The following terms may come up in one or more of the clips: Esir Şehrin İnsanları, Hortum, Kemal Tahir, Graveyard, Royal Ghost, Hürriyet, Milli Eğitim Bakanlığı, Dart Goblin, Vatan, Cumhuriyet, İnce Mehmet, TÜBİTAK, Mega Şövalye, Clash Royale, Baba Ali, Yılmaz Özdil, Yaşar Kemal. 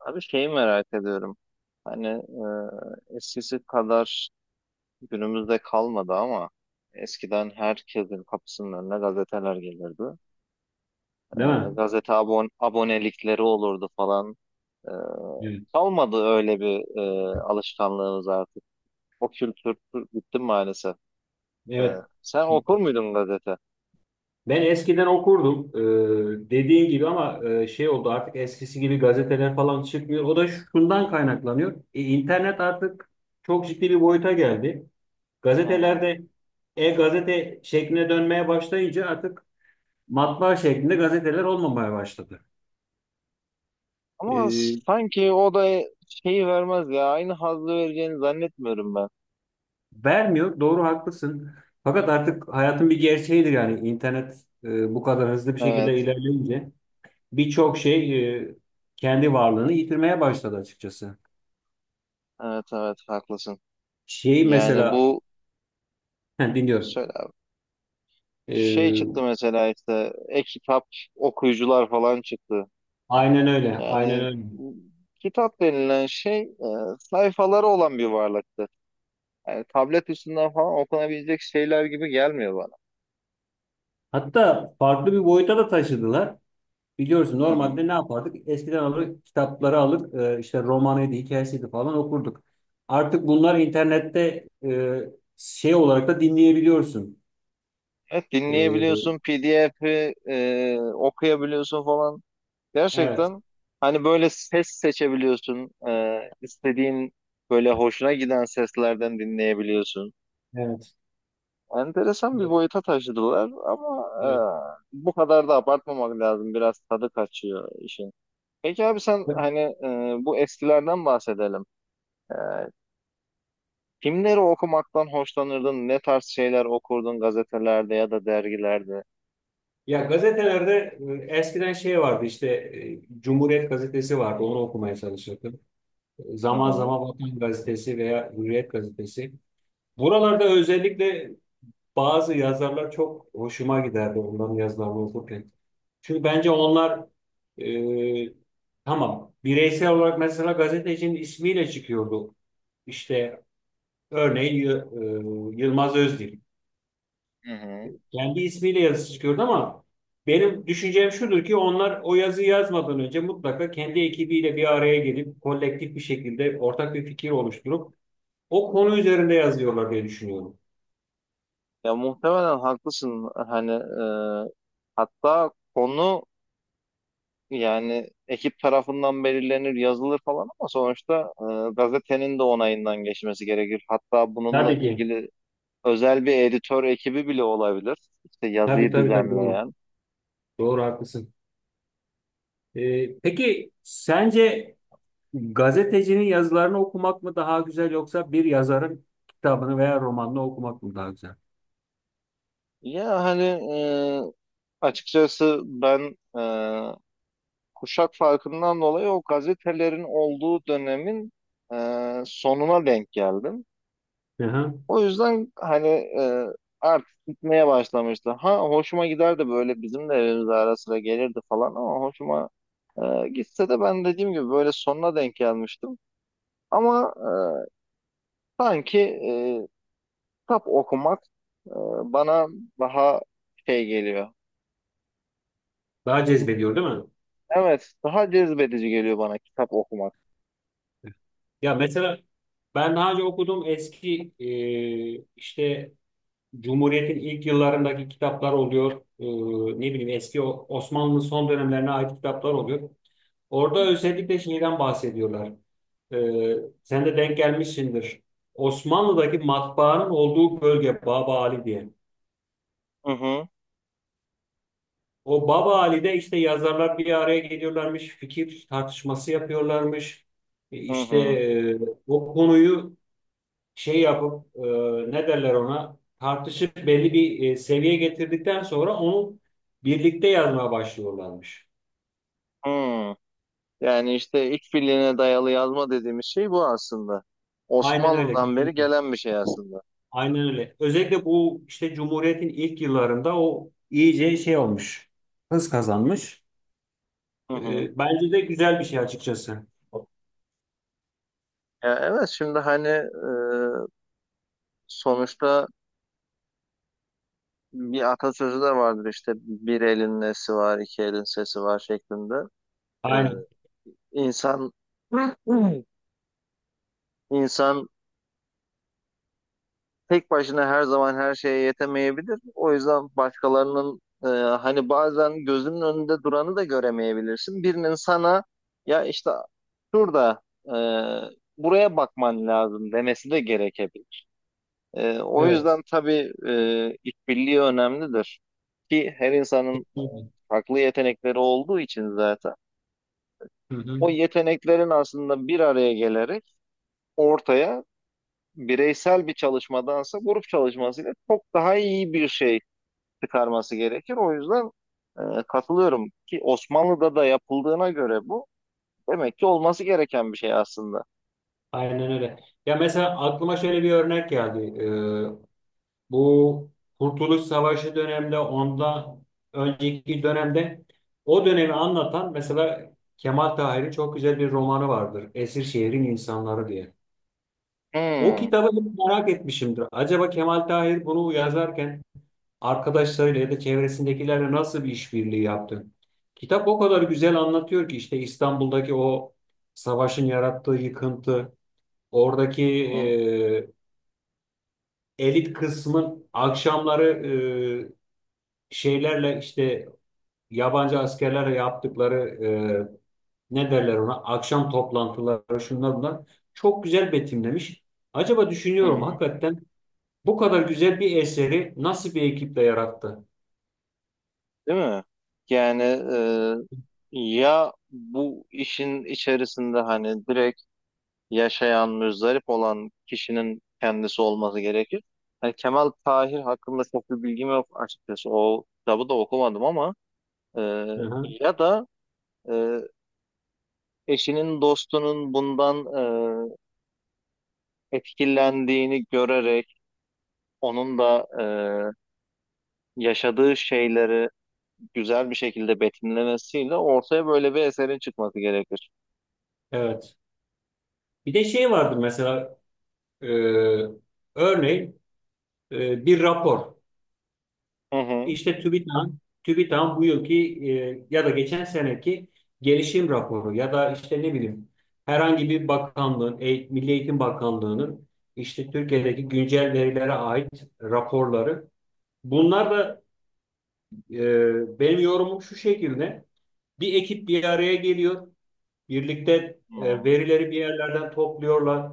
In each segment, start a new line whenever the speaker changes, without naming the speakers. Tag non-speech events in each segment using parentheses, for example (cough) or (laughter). Abi şeyi merak ediyorum. Hani eskisi kadar günümüzde kalmadı ama eskiden herkesin kapısının önüne gazeteler gelirdi. E,
Değil mi?
gazete abonelikleri olurdu falan. E,
Evet.
Kalmadı öyle bir alışkanlığımız artık. O kültür bitti maalesef. E,
Evet.
Sen okur muydun gazete?
Ben eskiden okurdum. Dediğin gibi, ama şey oldu, artık eskisi gibi gazeteler falan çıkmıyor. O da şundan kaynaklanıyor. İnternet artık çok ciddi bir boyuta geldi.
Hı hı.
Gazetelerde e-gazete şekline dönmeye başlayınca artık matbaa şeklinde gazeteler olmamaya başladı.
Ama
E,
sanki o da şeyi vermez ya. Aynı hazzı vereceğini zannetmiyorum ben.
Vermiyor. Doğru, haklısın. Fakat artık hayatın bir gerçeğidir, yani internet bu kadar hızlı bir şekilde
Evet,
ilerleyince birçok şey kendi varlığını yitirmeye başladı açıkçası.
evet, evet haklısın.
Şey,
Yani
mesela (laughs) dinliyorum.
Söyle abi. Şey çıktı
E,
mesela işte e-kitap okuyucular falan çıktı.
aynen öyle, aynen
Yani
öyle.
kitap denilen şey sayfaları olan bir varlıktı. Yani tablet üstünden falan okunabilecek şeyler gibi gelmiyor bana.
Hatta farklı bir boyuta da taşıdılar. Biliyorsun,
Hı hı.
normalde ne yapardık? Eskiden alır, kitapları alır, işte romanıydı, hikayesiydi falan okurduk. Artık bunlar internette şey olarak da dinleyebiliyorsun.
Evet
E,
dinleyebiliyorsun, PDF'i okuyabiliyorsun falan.
evet,
Gerçekten hani böyle ses seçebiliyorsun. İstediğin böyle hoşuna giden seslerden dinleyebiliyorsun.
evet.
Enteresan bir
Evet.
boyuta taşıdılar ama
Evet.
bu kadar da abartmamak lazım. Biraz tadı kaçıyor işin. Peki abi sen bu eskilerden bahsedelim. E, Kimleri okumaktan hoşlanırdın? Ne tarz şeyler okurdun gazetelerde ya da dergilerde?
Ya, gazetelerde eskiden şey vardı, işte Cumhuriyet gazetesi vardı, onu okumaya çalışırdım.
Hı
Zaman
hı.
zaman Vatan gazetesi veya Hürriyet gazetesi. Buralarda özellikle bazı yazarlar çok hoşuma giderdi, onların yazılarını okurken. Çünkü bence onlar, e, tamam bireysel olarak mesela gazetecinin ismiyle çıkıyordu. İşte örneğin Yılmaz Özdil.
Hı hı.
Kendi ismiyle yazısı çıkıyordu, ama benim düşüncem şudur ki onlar o yazıyı yazmadan önce mutlaka kendi ekibiyle bir araya gelip kolektif bir şekilde ortak bir fikir oluşturup o konu üzerinde yazıyorlar diye düşünüyorum.
Ya muhtemelen haklısın. Hatta konu yani ekip tarafından belirlenir, yazılır falan ama sonuçta gazetenin de onayından geçmesi gerekir. Hatta bununla
Tabii ki.
ilgili özel bir editör ekibi bile olabilir. İşte
Tabii
yazıyı
tabii tabii, doğru.
düzenleyen.
Doğru, haklısın. Peki sence gazetecinin yazılarını okumak mı daha güzel, yoksa bir yazarın kitabını veya romanını okumak mı daha güzel?
Ya hani e, açıkçası kuşak farkından dolayı o gazetelerin olduğu dönemin sonuna denk geldim.
Hı hı.
O yüzden e, artık gitmeye başlamıştı. Ha hoşuma giderdi böyle bizim de evimize ara sıra gelirdi falan ama hoşuma gitse de ben dediğim gibi böyle sonuna denk gelmiştim. Ama sanki kitap okumak e, bana daha şey geliyor.
Daha cezbediyor, değil mi?
Evet, daha cezbedici geliyor bana kitap okumak.
Ya mesela ben daha önce okuduğum eski, işte Cumhuriyet'in ilk yıllarındaki kitaplar oluyor. E, Ne bileyim, eski Osmanlı'nın son dönemlerine ait kitaplar oluyor.
Hı.
Orada özellikle şeyden bahsediyorlar. E, Sen de denk gelmişsindir. Osmanlı'daki matbaanın olduğu bölge Baba Ali diye.
Hı hı,
O Baba Ali'de işte yazarlar bir araya geliyorlarmış, fikir tartışması yapıyorlarmış.
hı
İşte
hı.
o konuyu şey yapıp ne derler ona, tartışıp belli bir seviyeye getirdikten sonra onu birlikte yazmaya başlıyorlarmış.
Yani işte işbirliğine dayalı yazma dediğimiz şey bu aslında.
Aynen öyle,
Osmanlı'dan beri
kesinlikle.
gelen bir şey aslında.
Aynen öyle. Özellikle bu işte Cumhuriyet'in ilk yıllarında o iyice şey olmuş. Hız kazanmış.
Hı hı.
Bence de güzel bir şey açıkçası.
Ya evet, şimdi sonuçta bir atasözü de vardır işte bir elin nesi var, iki elin sesi var şeklinde. E,
Aynen.
insan (clears throat) insan tek başına her zaman her şeye yetemeyebilir. O yüzden başkalarının hani bazen gözünün önünde duranı da göremeyebilirsin. Birinin sana ya işte şurada e, buraya bakman lazım demesi de gerekebilir. O
Evet.
yüzden tabii işbirliği önemlidir. Ki her insanın
Kesinlikle.
farklı yetenekleri olduğu için zaten
Hı hı.
o yeteneklerin aslında bir araya gelerek ortaya bireysel bir çalışmadansa grup çalışmasıyla çok daha iyi bir şey çıkarması gerekir. O yüzden katılıyorum ki Osmanlı'da da yapıldığına göre bu demek ki olması gereken bir şey aslında.
Aynen öyle. Ya mesela aklıma şöyle bir örnek geldi. E, Bu Kurtuluş Savaşı döneminde, ondan önceki dönemde, o dönemi anlatan mesela Kemal Tahir'in çok güzel bir romanı vardır. Esir Şehrin İnsanları diye. O
Hmm,
kitabı hep merak etmişimdir. Acaba Kemal Tahir bunu yazarken arkadaşlarıyla ya da çevresindekilerle nasıl bir işbirliği yaptı? Kitap o kadar güzel anlatıyor ki işte İstanbul'daki o savaşın yarattığı yıkıntı, oradaki
hı,
elit kısmın akşamları şeylerle, işte yabancı askerlerle yaptıkları ne derler ona akşam toplantıları, şunlar bunlar çok güzel betimlemiş. Acaba
hı,
düşünüyorum
hı.
hakikaten bu kadar güzel bir eseri nasıl bir ekiple yarattı?
Değil mi? Yani ya bu işin içerisinde hani direkt yaşayan, muzdarip olan kişinin kendisi olması gerekir. Hani Kemal Tahir hakkında çok bir bilgim yok açıkçası. O kitabı da okumadım ama e,
Hı hı,
ya da e, eşinin, dostunun bundan etkilendiğini görerek onun da yaşadığı şeyleri güzel bir şekilde betimlemesiyle ortaya böyle bir eserin çıkması gerekir.
evet. Bir de şey vardı mesela, e, örneğin bir rapor.
Hı hı.
İşte TÜBİTAK'ın bu yılki, ya da geçen seneki gelişim raporu, ya da işte ne bileyim herhangi bir bakanlığın, Milli Eğitim Bakanlığı'nın işte Türkiye'deki güncel verilere ait raporları. Bunlar da, benim yorumum şu şekilde. Bir ekip bir araya geliyor. Birlikte
Hı hı.
verileri bir yerlerden topluyorlar.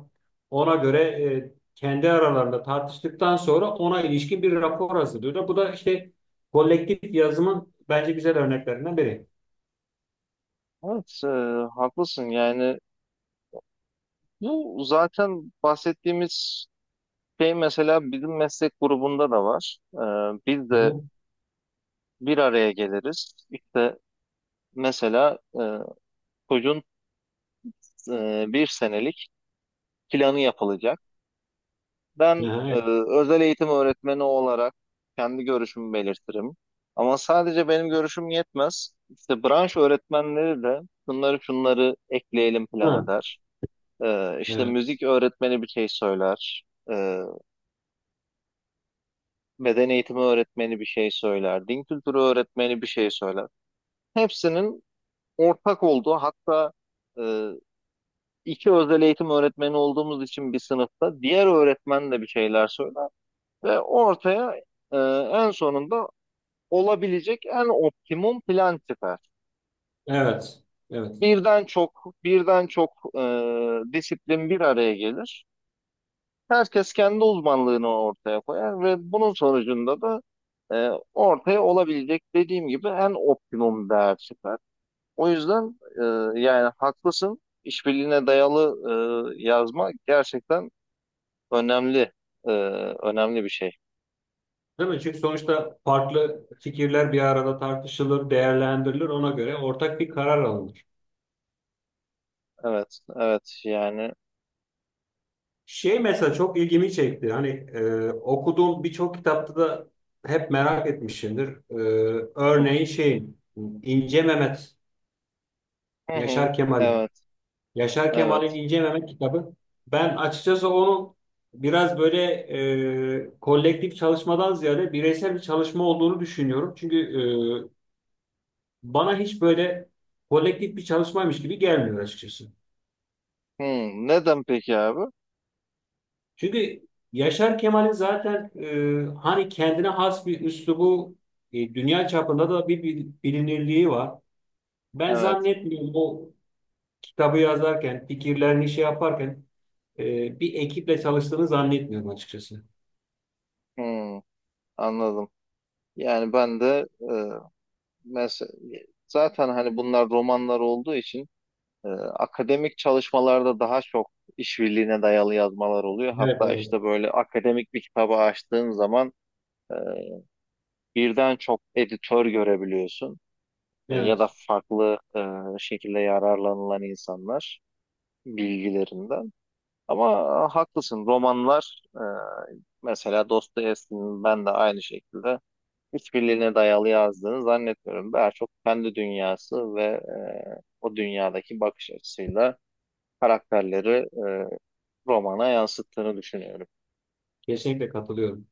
Ona göre kendi aralarında tartıştıktan sonra ona ilişkin bir rapor hazırlıyorlar. Bu da işte kolektif yazımın bence güzel örneklerinden biri.
Evet, haklısın. Yani bu zaten bahsettiğimiz şey mesela bizim meslek grubunda da var. Biz
Hı
de
hı.
bir araya geliriz. İşte mesela çocuğun bir senelik planı yapılacak. Ben
Aha,
e,
evet.
özel eğitim öğretmeni olarak kendi görüşümü belirtirim. Ama sadece benim görüşüm yetmez. İşte branş öğretmenleri de şunları şunları ekleyelim plan
Ha,
eder. İşte
evet.
müzik öğretmeni bir şey söyler. E, Beden eğitimi öğretmeni bir şey söyler. Din kültürü öğretmeni bir şey söyler. Hepsinin ortak olduğu hatta e, iki özel eğitim öğretmeni olduğumuz için bir sınıfta diğer öğretmen de bir şeyler söyler. Ve ortaya ee, en sonunda olabilecek en optimum plan tipi.
Evet. Evet.
Birden çok, birden çok e, disiplin bir araya gelir. Herkes kendi uzmanlığını ortaya koyar ve bunun sonucunda da ortaya olabilecek dediğim gibi en optimum değer çıkar. O yüzden yani haklısın. İşbirliğine dayalı yazma gerçekten önemli e, önemli bir şey.
Değil mi? Çünkü sonuçta farklı fikirler bir arada tartışılır, değerlendirilir. Ona göre ortak bir karar alınır.
Evet, evet yani.
Şey, mesela çok ilgimi çekti. Hani okuduğum birçok kitapta da hep merak etmişimdir. Örneğin şeyin, İnce Mehmet,
Hı hı,
Yaşar Kemal'in.
evet,
Yaşar Kemal'in
evet.
İnce Mehmet kitabı. Ben açıkçası onu biraz böyle kolektif çalışmadan ziyade bireysel bir çalışma olduğunu düşünüyorum. Çünkü e, bana hiç böyle kolektif bir çalışmaymış gibi gelmiyor açıkçası.
Hı, neden peki abi?
Çünkü Yaşar Kemal'in zaten hani kendine has bir üslubu, dünya çapında da bir bilinirliği var. Ben
Evet.
zannetmiyorum o kitabı yazarken, fikirlerini şey yaparken bir ekiple çalıştığını zannetmiyorum açıkçası.
Hmm, anladım. Yani ben de mesela zaten hani bunlar romanlar olduğu için akademik çalışmalarda daha çok işbirliğine dayalı yazmalar oluyor.
Evet,
Hatta
evet.
işte böyle akademik bir kitabı açtığın zaman e, birden çok editör görebiliyorsun. Ya da
Evet,
farklı şekilde yararlanılan insanlar bilgilerinden. Ama haklısın romanlar mesela Dostoyevski'nin ben de aynı şekilde hiçbirliğine dayalı yazdığını zannetmiyorum. Daha çok kendi dünyası ve o dünyadaki bakış açısıyla karakterleri e, romana yansıttığını düşünüyorum.
kesinlikle katılıyorum.